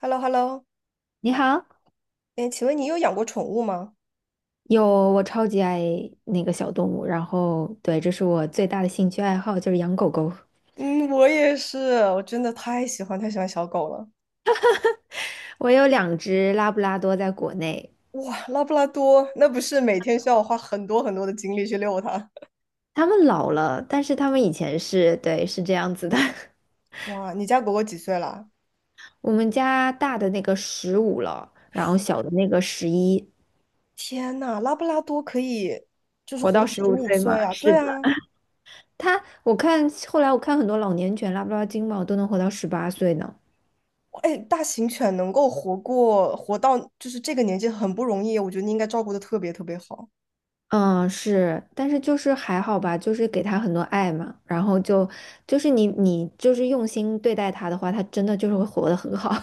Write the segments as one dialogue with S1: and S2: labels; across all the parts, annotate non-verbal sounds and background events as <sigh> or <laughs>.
S1: h e l l o h e l l o
S2: 你好，
S1: 哎，请问你有养过宠物吗？
S2: 有，我超级爱那个小动物，然后对，这是我最大的兴趣爱好，就是养狗狗。
S1: 嗯，我也是，我真的太喜欢小狗了。
S2: 我有两只拉布拉多在国内，
S1: 哇，拉布拉多，那不是每天需要我花很多很多的精力去遛它？
S2: 它们老了，但是它们以前是，对，是这样子的。<laughs>
S1: <laughs> 哇，你家狗狗几岁了？
S2: 我们家大的那个15了，然后小的那个11，
S1: 天呐，拉布拉多可以就是
S2: 活
S1: 活到
S2: 到十
S1: 十
S2: 五
S1: 五
S2: 岁嘛。
S1: 岁啊！
S2: 是
S1: 对
S2: 的，
S1: 啊，
S2: 后来我看很多老年犬拉布拉多金毛都能活到18岁呢。
S1: 哎，大型犬能够活到就是这个年纪很不容易，我觉得你应该照顾的特别特别好。
S2: 嗯，是，但是就是还好吧，就是给他很多爱嘛，然后就是你就是用心对待他的话，他真的就是会活得很好。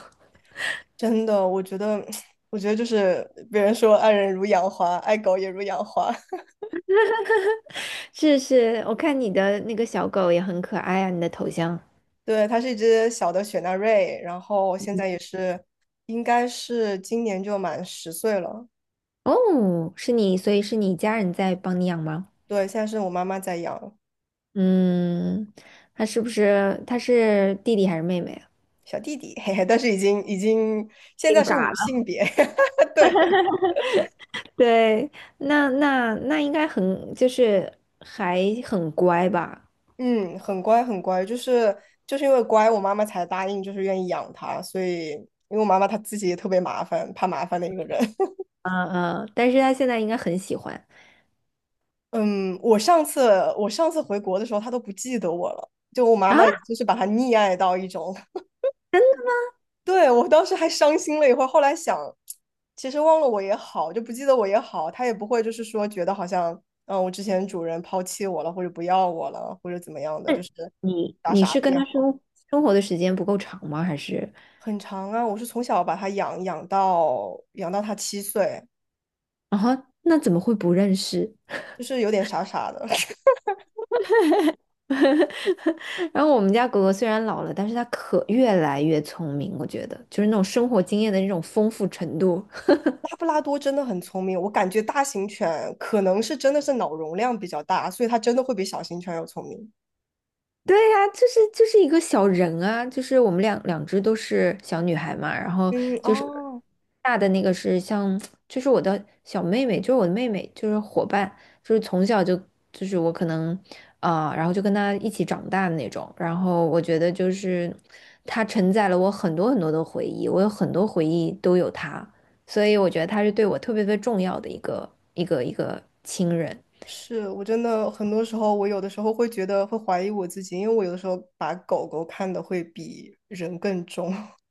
S1: 真的，我觉得，<sniffs> <tsk> 我觉得就是别人说爱人如养花，爱狗也如养花。
S2: <laughs> 是是，我看你的那个小狗也很可爱啊，你的头像。
S1: 对，它是一只小的雪纳瑞，然后现在也是，应该是今年就满10岁了。
S2: 哦，是你，所以是你家人在帮你养吗？
S1: 对，现在是我妈妈在养
S2: 嗯，他是不是他是弟弟还是妹妹啊？
S1: 小弟弟，<laughs> 嘿嘿，但是已经现在
S2: 变
S1: 是无
S2: 嘎了。
S1: 性别，<laughs> 对，
S2: 对，那应该很就是还很乖吧？
S1: 嗯，很乖很乖，就是因为乖，我妈妈才答应就是愿意养它，所以因为我妈妈她自己也特别麻烦，怕麻烦的一个人。<laughs>
S2: 嗯嗯，但是他现在应该很喜欢。
S1: 嗯，我上次回国的时候，她都不记得我了，就我妈
S2: 啊。
S1: 妈就是把它溺爱到一种。对，我当时还伤心了一会儿，后来想，其实忘了我也好，就不记得我也好，他也不会就是说觉得好像，我之前主人抛弃我了，或者不要我了，或者怎么样的，就
S2: 那
S1: 是
S2: 你
S1: 傻
S2: 你
S1: 傻
S2: 是
S1: 的
S2: 跟
S1: 也
S2: 他
S1: 好，
S2: 生活的时间不够长吗？还是
S1: 很长啊。我是从小把它养到它七岁，
S2: 然后那怎么会不认识？
S1: 就是有点傻傻的。<laughs>
S2: <laughs> 然后我们家狗狗虽然老了，但是它可越来越聪明，我觉得就是那种生活经验的那种丰富程度。
S1: 拉布拉多真的很聪明，我感觉大型犬可能是真的是脑容量比较大，所以它真的会比小型犬要聪明。
S2: 对呀，就是一个小人啊，就是我们两只都是小女孩嘛，然后
S1: 嗯，
S2: 就是
S1: 哦，
S2: 大的那个是像，就是我的小妹妹，就是我的妹妹，就是伙伴，就是从小就是我可能啊、然后就跟她一起长大的那种，然后我觉得就是她承载了我很多很多的回忆，我有很多回忆都有她，所以我觉得她是对我特别特别重要的一个亲人，
S1: 是我真的很多时候，我有的时候会觉得会怀疑我自己，因为我有的时候把狗狗看得会比人更重。<laughs>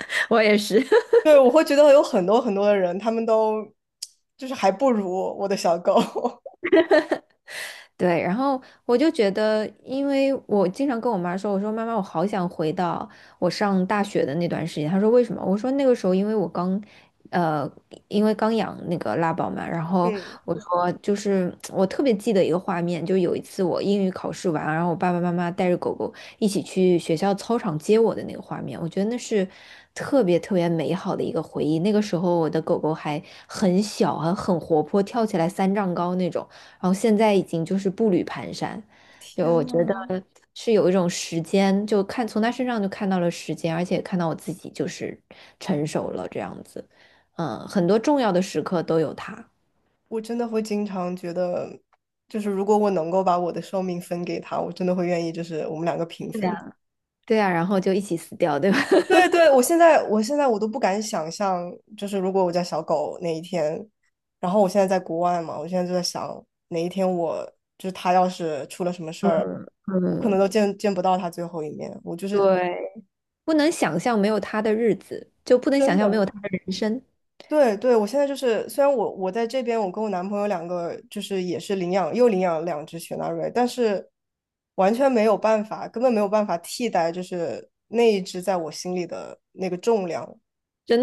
S2: <laughs> 我也是，
S1: 对，我会觉得有很多很多的人，他们都就是还不如我的小狗。<laughs>
S2: 对，然后我就觉得，因为我经常跟我妈说，我说妈妈，我好想回到我上大学的那段时间。她说为什么？我说那个时候呃，因为刚养那个拉宝嘛，然后
S1: 嗯，
S2: 我说就是我特别记得一个画面，就有一次我英语考试完，然后我爸爸妈妈带着狗狗一起去学校操场接我的那个画面，我觉得那是特别特别美好的一个回忆。那个时候我的狗狗还很小，还很活泼，跳起来三丈高那种。然后现在已经就是步履蹒跚，就
S1: 天
S2: 我
S1: 呐，
S2: 觉得是有一种时间，就看从他身上就看到了时间，而且看到我自己就是成熟了这样子，嗯，很多重要的时刻都有他，
S1: 我真的会经常觉得，就是如果我能够把我的寿命分给他，我真的会愿意，就是我们两个平
S2: 对
S1: 分。
S2: 呀对啊，然后就一起死掉，对吧？
S1: 对
S2: <laughs>
S1: 对，我现在我现在我都不敢想象，就是如果我家小狗哪一天，然后我现在在国外嘛，我现在就在想哪一天我就是它要是出了什么事儿，我可能
S2: 嗯，
S1: 都见不到它最后一面。我就是
S2: 对，不能想象没有他的日子，就不能想
S1: 真
S2: 象没有
S1: 的，
S2: 他的人生，
S1: 对对，我现在就是虽然我在这边，我跟我男朋友两个就是也是领养又领养了2只雪纳瑞，但是完全没有办法，根本没有办法替代就是那一只在我心里的那个重量。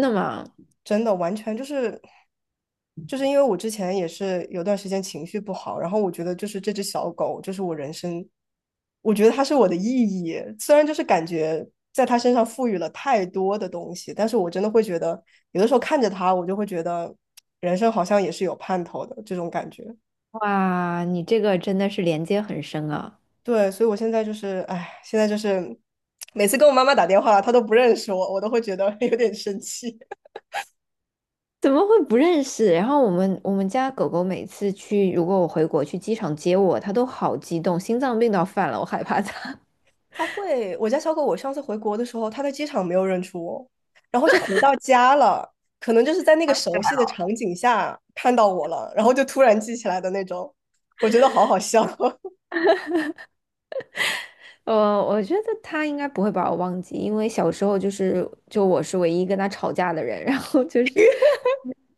S2: 真的吗？
S1: 真的完全就是因为我之前也是有段时间情绪不好，然后我觉得就是这只小狗就是我人生，我觉得它是我的意义，虽然就是感觉在它身上赋予了太多的东西，但是我真的会觉得有的时候看着它，我就会觉得人生好像也是有盼头的这种感觉。
S2: 哇，你这个真的是连接很深啊。
S1: 对，所以我现在就是，哎，现在就是每次跟我妈妈打电话，她都不认识我，我都会觉得 <laughs> 有点生气。
S2: 怎么会不认识？然后我们家狗狗每次去，如果我回国去机场接我，它都好激动，心脏病都要犯了，我害怕它。
S1: 它会，我家小狗，我上次回国的时候，它在机场没有认出我，然后是回到家了，可能就是在那个熟悉的场景下看到我了，然后就突然记起来的那种，我觉得好好笑，
S2: <laughs> 我觉得它应该不会把我忘记，因为小时候就是就我是唯一跟它吵架的人，然后就是。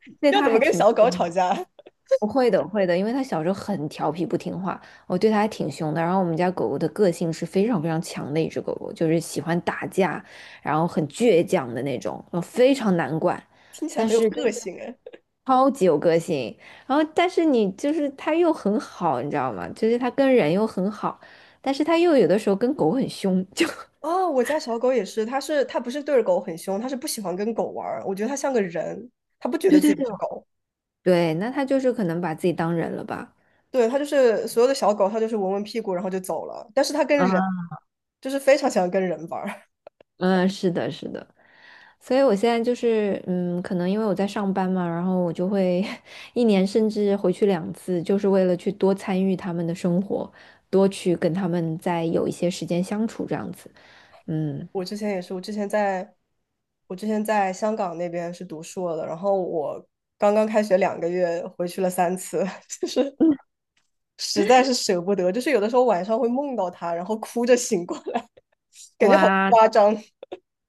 S1: <laughs> 要怎么跟小狗吵架？<laughs>
S2: 我会的，我会的，因为它小时候很调皮不听话，我对它还挺凶的。然后我们家狗狗的个性是非常非常强的一只狗狗，就是喜欢打架，然后很倔强的那种，非常难管，
S1: 听起来
S2: 但
S1: 很有
S2: 是就
S1: 个
S2: 是
S1: 性哎。
S2: 超级有个性。然后但是你就是它又很好，你知道吗？就是它跟人又很好，但是它又有的时候跟狗很凶，就
S1: 哦，我家小狗也是，它不是对着狗很凶，它是不喜欢跟狗玩儿，我觉得它像个人，它不
S2: <laughs>
S1: 觉得
S2: 对
S1: 自
S2: 对
S1: 己
S2: 对
S1: 是狗，
S2: 对，那它就是可能把自己当人了吧？
S1: 对，它就是所有的小狗，它就是闻闻屁股然后就走了，但是它跟
S2: 啊，
S1: 人就是非常喜欢跟人玩儿。
S2: 嗯，是的，是的。所以我现在就是，嗯，可能因为我在上班嘛，然后我就会 <laughs> 一年甚至回去两次，就是为了去多参与他们的生活，多去跟他们再有一些时间相处这样子。嗯，
S1: 我之前也是，我之前在香港那边是读硕的，然后我刚刚开学2个月，回去了3次，<laughs> 就是实在是舍不得，就是有的时候晚上会梦到他，然后哭着醒过来，<laughs> 感觉好
S2: 哇，
S1: 夸张，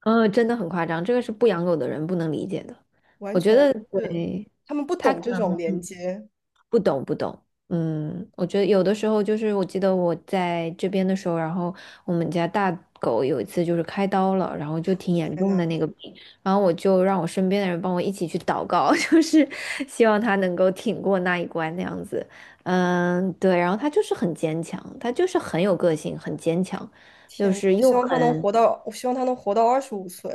S2: 嗯，真的很夸张，这个是不养狗的人不能理解的。
S1: 完
S2: 我觉
S1: 全
S2: 得，
S1: 是
S2: 对，
S1: 他们不
S2: 他
S1: 懂
S2: 可
S1: 这种
S2: 能。
S1: 连接。
S2: 不懂不懂，嗯，我觉得有的时候就是，我记得我在这边的时候，然后我们家大狗有一次就是开刀了，然后就挺严
S1: 天
S2: 重的
S1: 呐，
S2: 那个病，然后我就让我身边的人帮我一起去祷告，<laughs> 就是希望它能够挺过那一关那样子，嗯，对，然后它就是很坚强，它就是很有个性，很坚强，就
S1: 天呐，
S2: 是又很，
S1: 我希望他能活到二十五岁。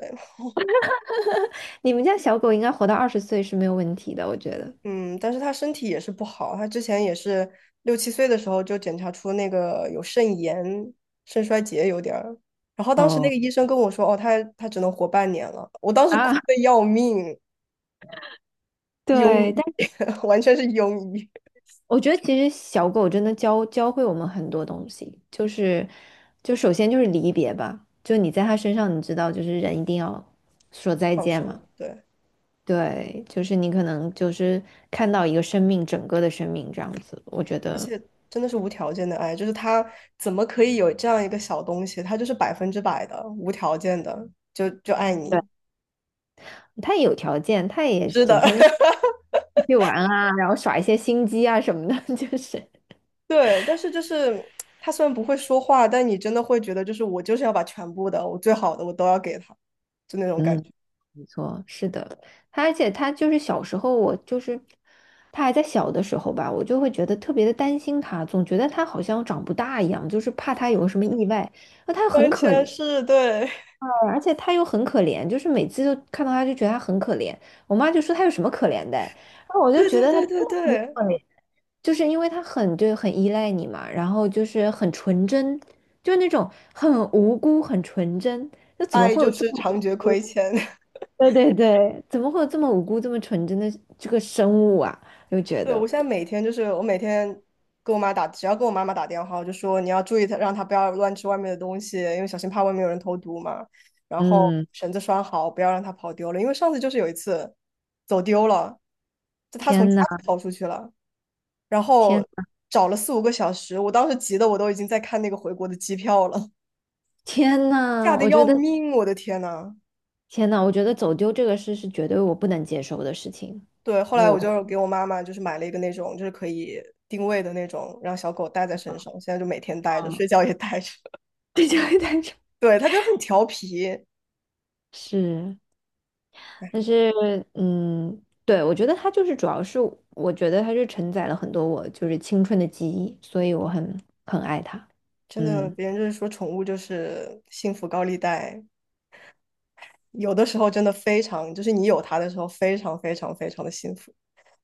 S2: 你们家小狗应该活到20岁是没有问题的，我觉得。
S1: 嗯，但是他身体也是不好，他之前也是六七岁的时候就检查出那个有肾炎、肾衰竭有点儿，然后当时那
S2: 哦
S1: 个医生跟我说，哦，他只能活半年了，我当时哭
S2: 啊，
S1: 的
S2: <laughs>
S1: 要命，庸
S2: 对，
S1: 医，
S2: 但。
S1: <laughs> 完全是庸医，
S2: 我觉得其实小狗真的教会我们很多东西，就是就首先就是离别吧，就你在它身上，你知道就是人一定要说再
S1: 放
S2: 见嘛，
S1: 手，对，
S2: 对，就是你可能就是看到一个生命整个的生命这样子，我觉
S1: 而
S2: 得
S1: 且真的是无条件的爱，就是他怎么可以有这样一个小东西，他就是100%的无条件的，就爱你，
S2: 对，它也有条件，它也
S1: 是
S2: 整
S1: 的，
S2: 天就出
S1: <laughs>
S2: 去玩啊，然后耍一些心机啊什么的，<laughs> 就是
S1: 对，但是就是他虽然不会说话，但你真的会觉得，就是我就是要把全部的，我最好的，我都要给他，就那种感
S2: 嗯，
S1: 觉，
S2: 没错，是的，他而且他就是小时候，我就是他还在小的时候吧，我就会觉得特别的担心他，总觉得他好像长不大一样，就是怕他有个什么意外。那他又很
S1: 完
S2: 可
S1: 全
S2: 怜，
S1: 是对，
S2: 而且他又很可怜，就是每次都看到他就觉得他很可怜。我妈就说他有什么可怜的，然后
S1: <laughs>
S2: 我就
S1: 对
S2: 觉
S1: 对
S2: 得他
S1: 对
S2: 真
S1: 对
S2: 的很
S1: 对，
S2: 可怜，就是因为他很就很依赖你嘛，然后就是很纯真，就是那种很无辜、很纯真。
S1: 爱就是常觉亏欠。
S2: 对对对，怎么会有这么无辜、这么纯真的这个生物啊？又
S1: <laughs>
S2: 觉
S1: 对，
S2: 得，
S1: 我现在每天就是我每天跟我妈打，只要跟我妈妈打电话，我就说你要注意她，让她不要乱吃外面的东西，因为小心怕外面有人投毒嘛。然后
S2: 嗯，
S1: 绳子拴好，不要让它跑丢了，因为上次就是有一次走丢了，就他从家
S2: 天呐，
S1: 里跑出去了。然
S2: 天，
S1: 后找了4、5个小时，我当时急的我都已经在看那个回国的机票了，
S2: 天
S1: <laughs> 吓
S2: 呐，
S1: 得
S2: 我觉
S1: 要
S2: 得，
S1: 命，我的天呐！
S2: 天呐，我觉得走丢这个事是绝对我不能接受的事情。
S1: 对，后来我
S2: 我，
S1: 就给我妈妈就是买了一个那种就是可以定位的那种，让小狗带在身上，现在就每天带着，
S2: 嗯，
S1: 睡觉也带着。
S2: <laughs> 对，就会带着。
S1: <laughs> 对，它就很调皮，
S2: 是，但是，嗯，对，我觉得它就是主要是，我觉得它是承载了很多我就是青春的记忆，所以我很爱它。
S1: 真的，
S2: 嗯。
S1: 别人就是说宠物就是幸福高利贷，有的时候真的非常，就是你有它的时候非常非常非常的幸福，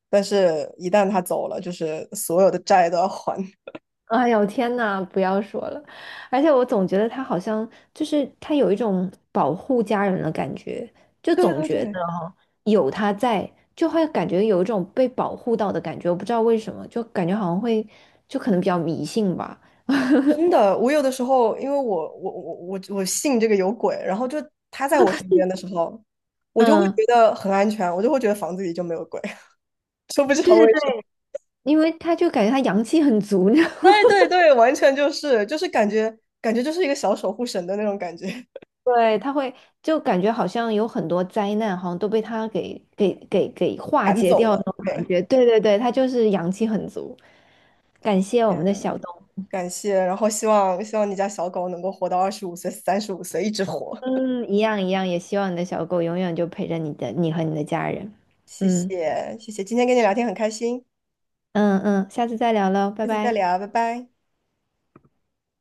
S1: 但是一旦它走了，就是所有的债都要还。<laughs>
S2: 哎呦天呐，不要说了！而且我总觉得他好像就是他有一种保护家人的感觉，就
S1: 对
S2: 总
S1: 对
S2: 觉得
S1: 对，
S2: 有他在，就会感觉有一种被保护到的感觉。我不知道为什么，就感觉好像会，就可能比较迷信吧。
S1: 真的，我有的时候，因为我信这个有鬼，然后就他在我身边的时候，我就会
S2: 嗯，
S1: 觉得很安全，我就会觉得房子里就没有鬼，<laughs> 说不知道
S2: 对
S1: 为
S2: 对对，
S1: 什么。
S2: 因为他就感觉他阳气很足，<laughs> 你知道吗
S1: 对对对，完全就是感觉就是一个小守护神的那种感觉，
S2: 对，他会就感觉好像有很多灾难，好像都被他给
S1: <laughs>
S2: 化
S1: 赶
S2: 解
S1: 走
S2: 掉那
S1: 了。
S2: 种感
S1: 对，
S2: 觉。对对对，他就是阳气很足。感谢我们的小
S1: 嗯，
S2: 东。
S1: 感谢，然后希望你家小狗能够活到二十五岁、35岁，一直活。
S2: 嗯，一样一样，也希望你的小狗永远就陪着你的，你和你的家人。
S1: 谢
S2: 嗯
S1: 谢谢谢，今天跟你聊天很开心，
S2: 嗯嗯，下次再聊喽，拜
S1: 下次再
S2: 拜。
S1: 聊，拜拜。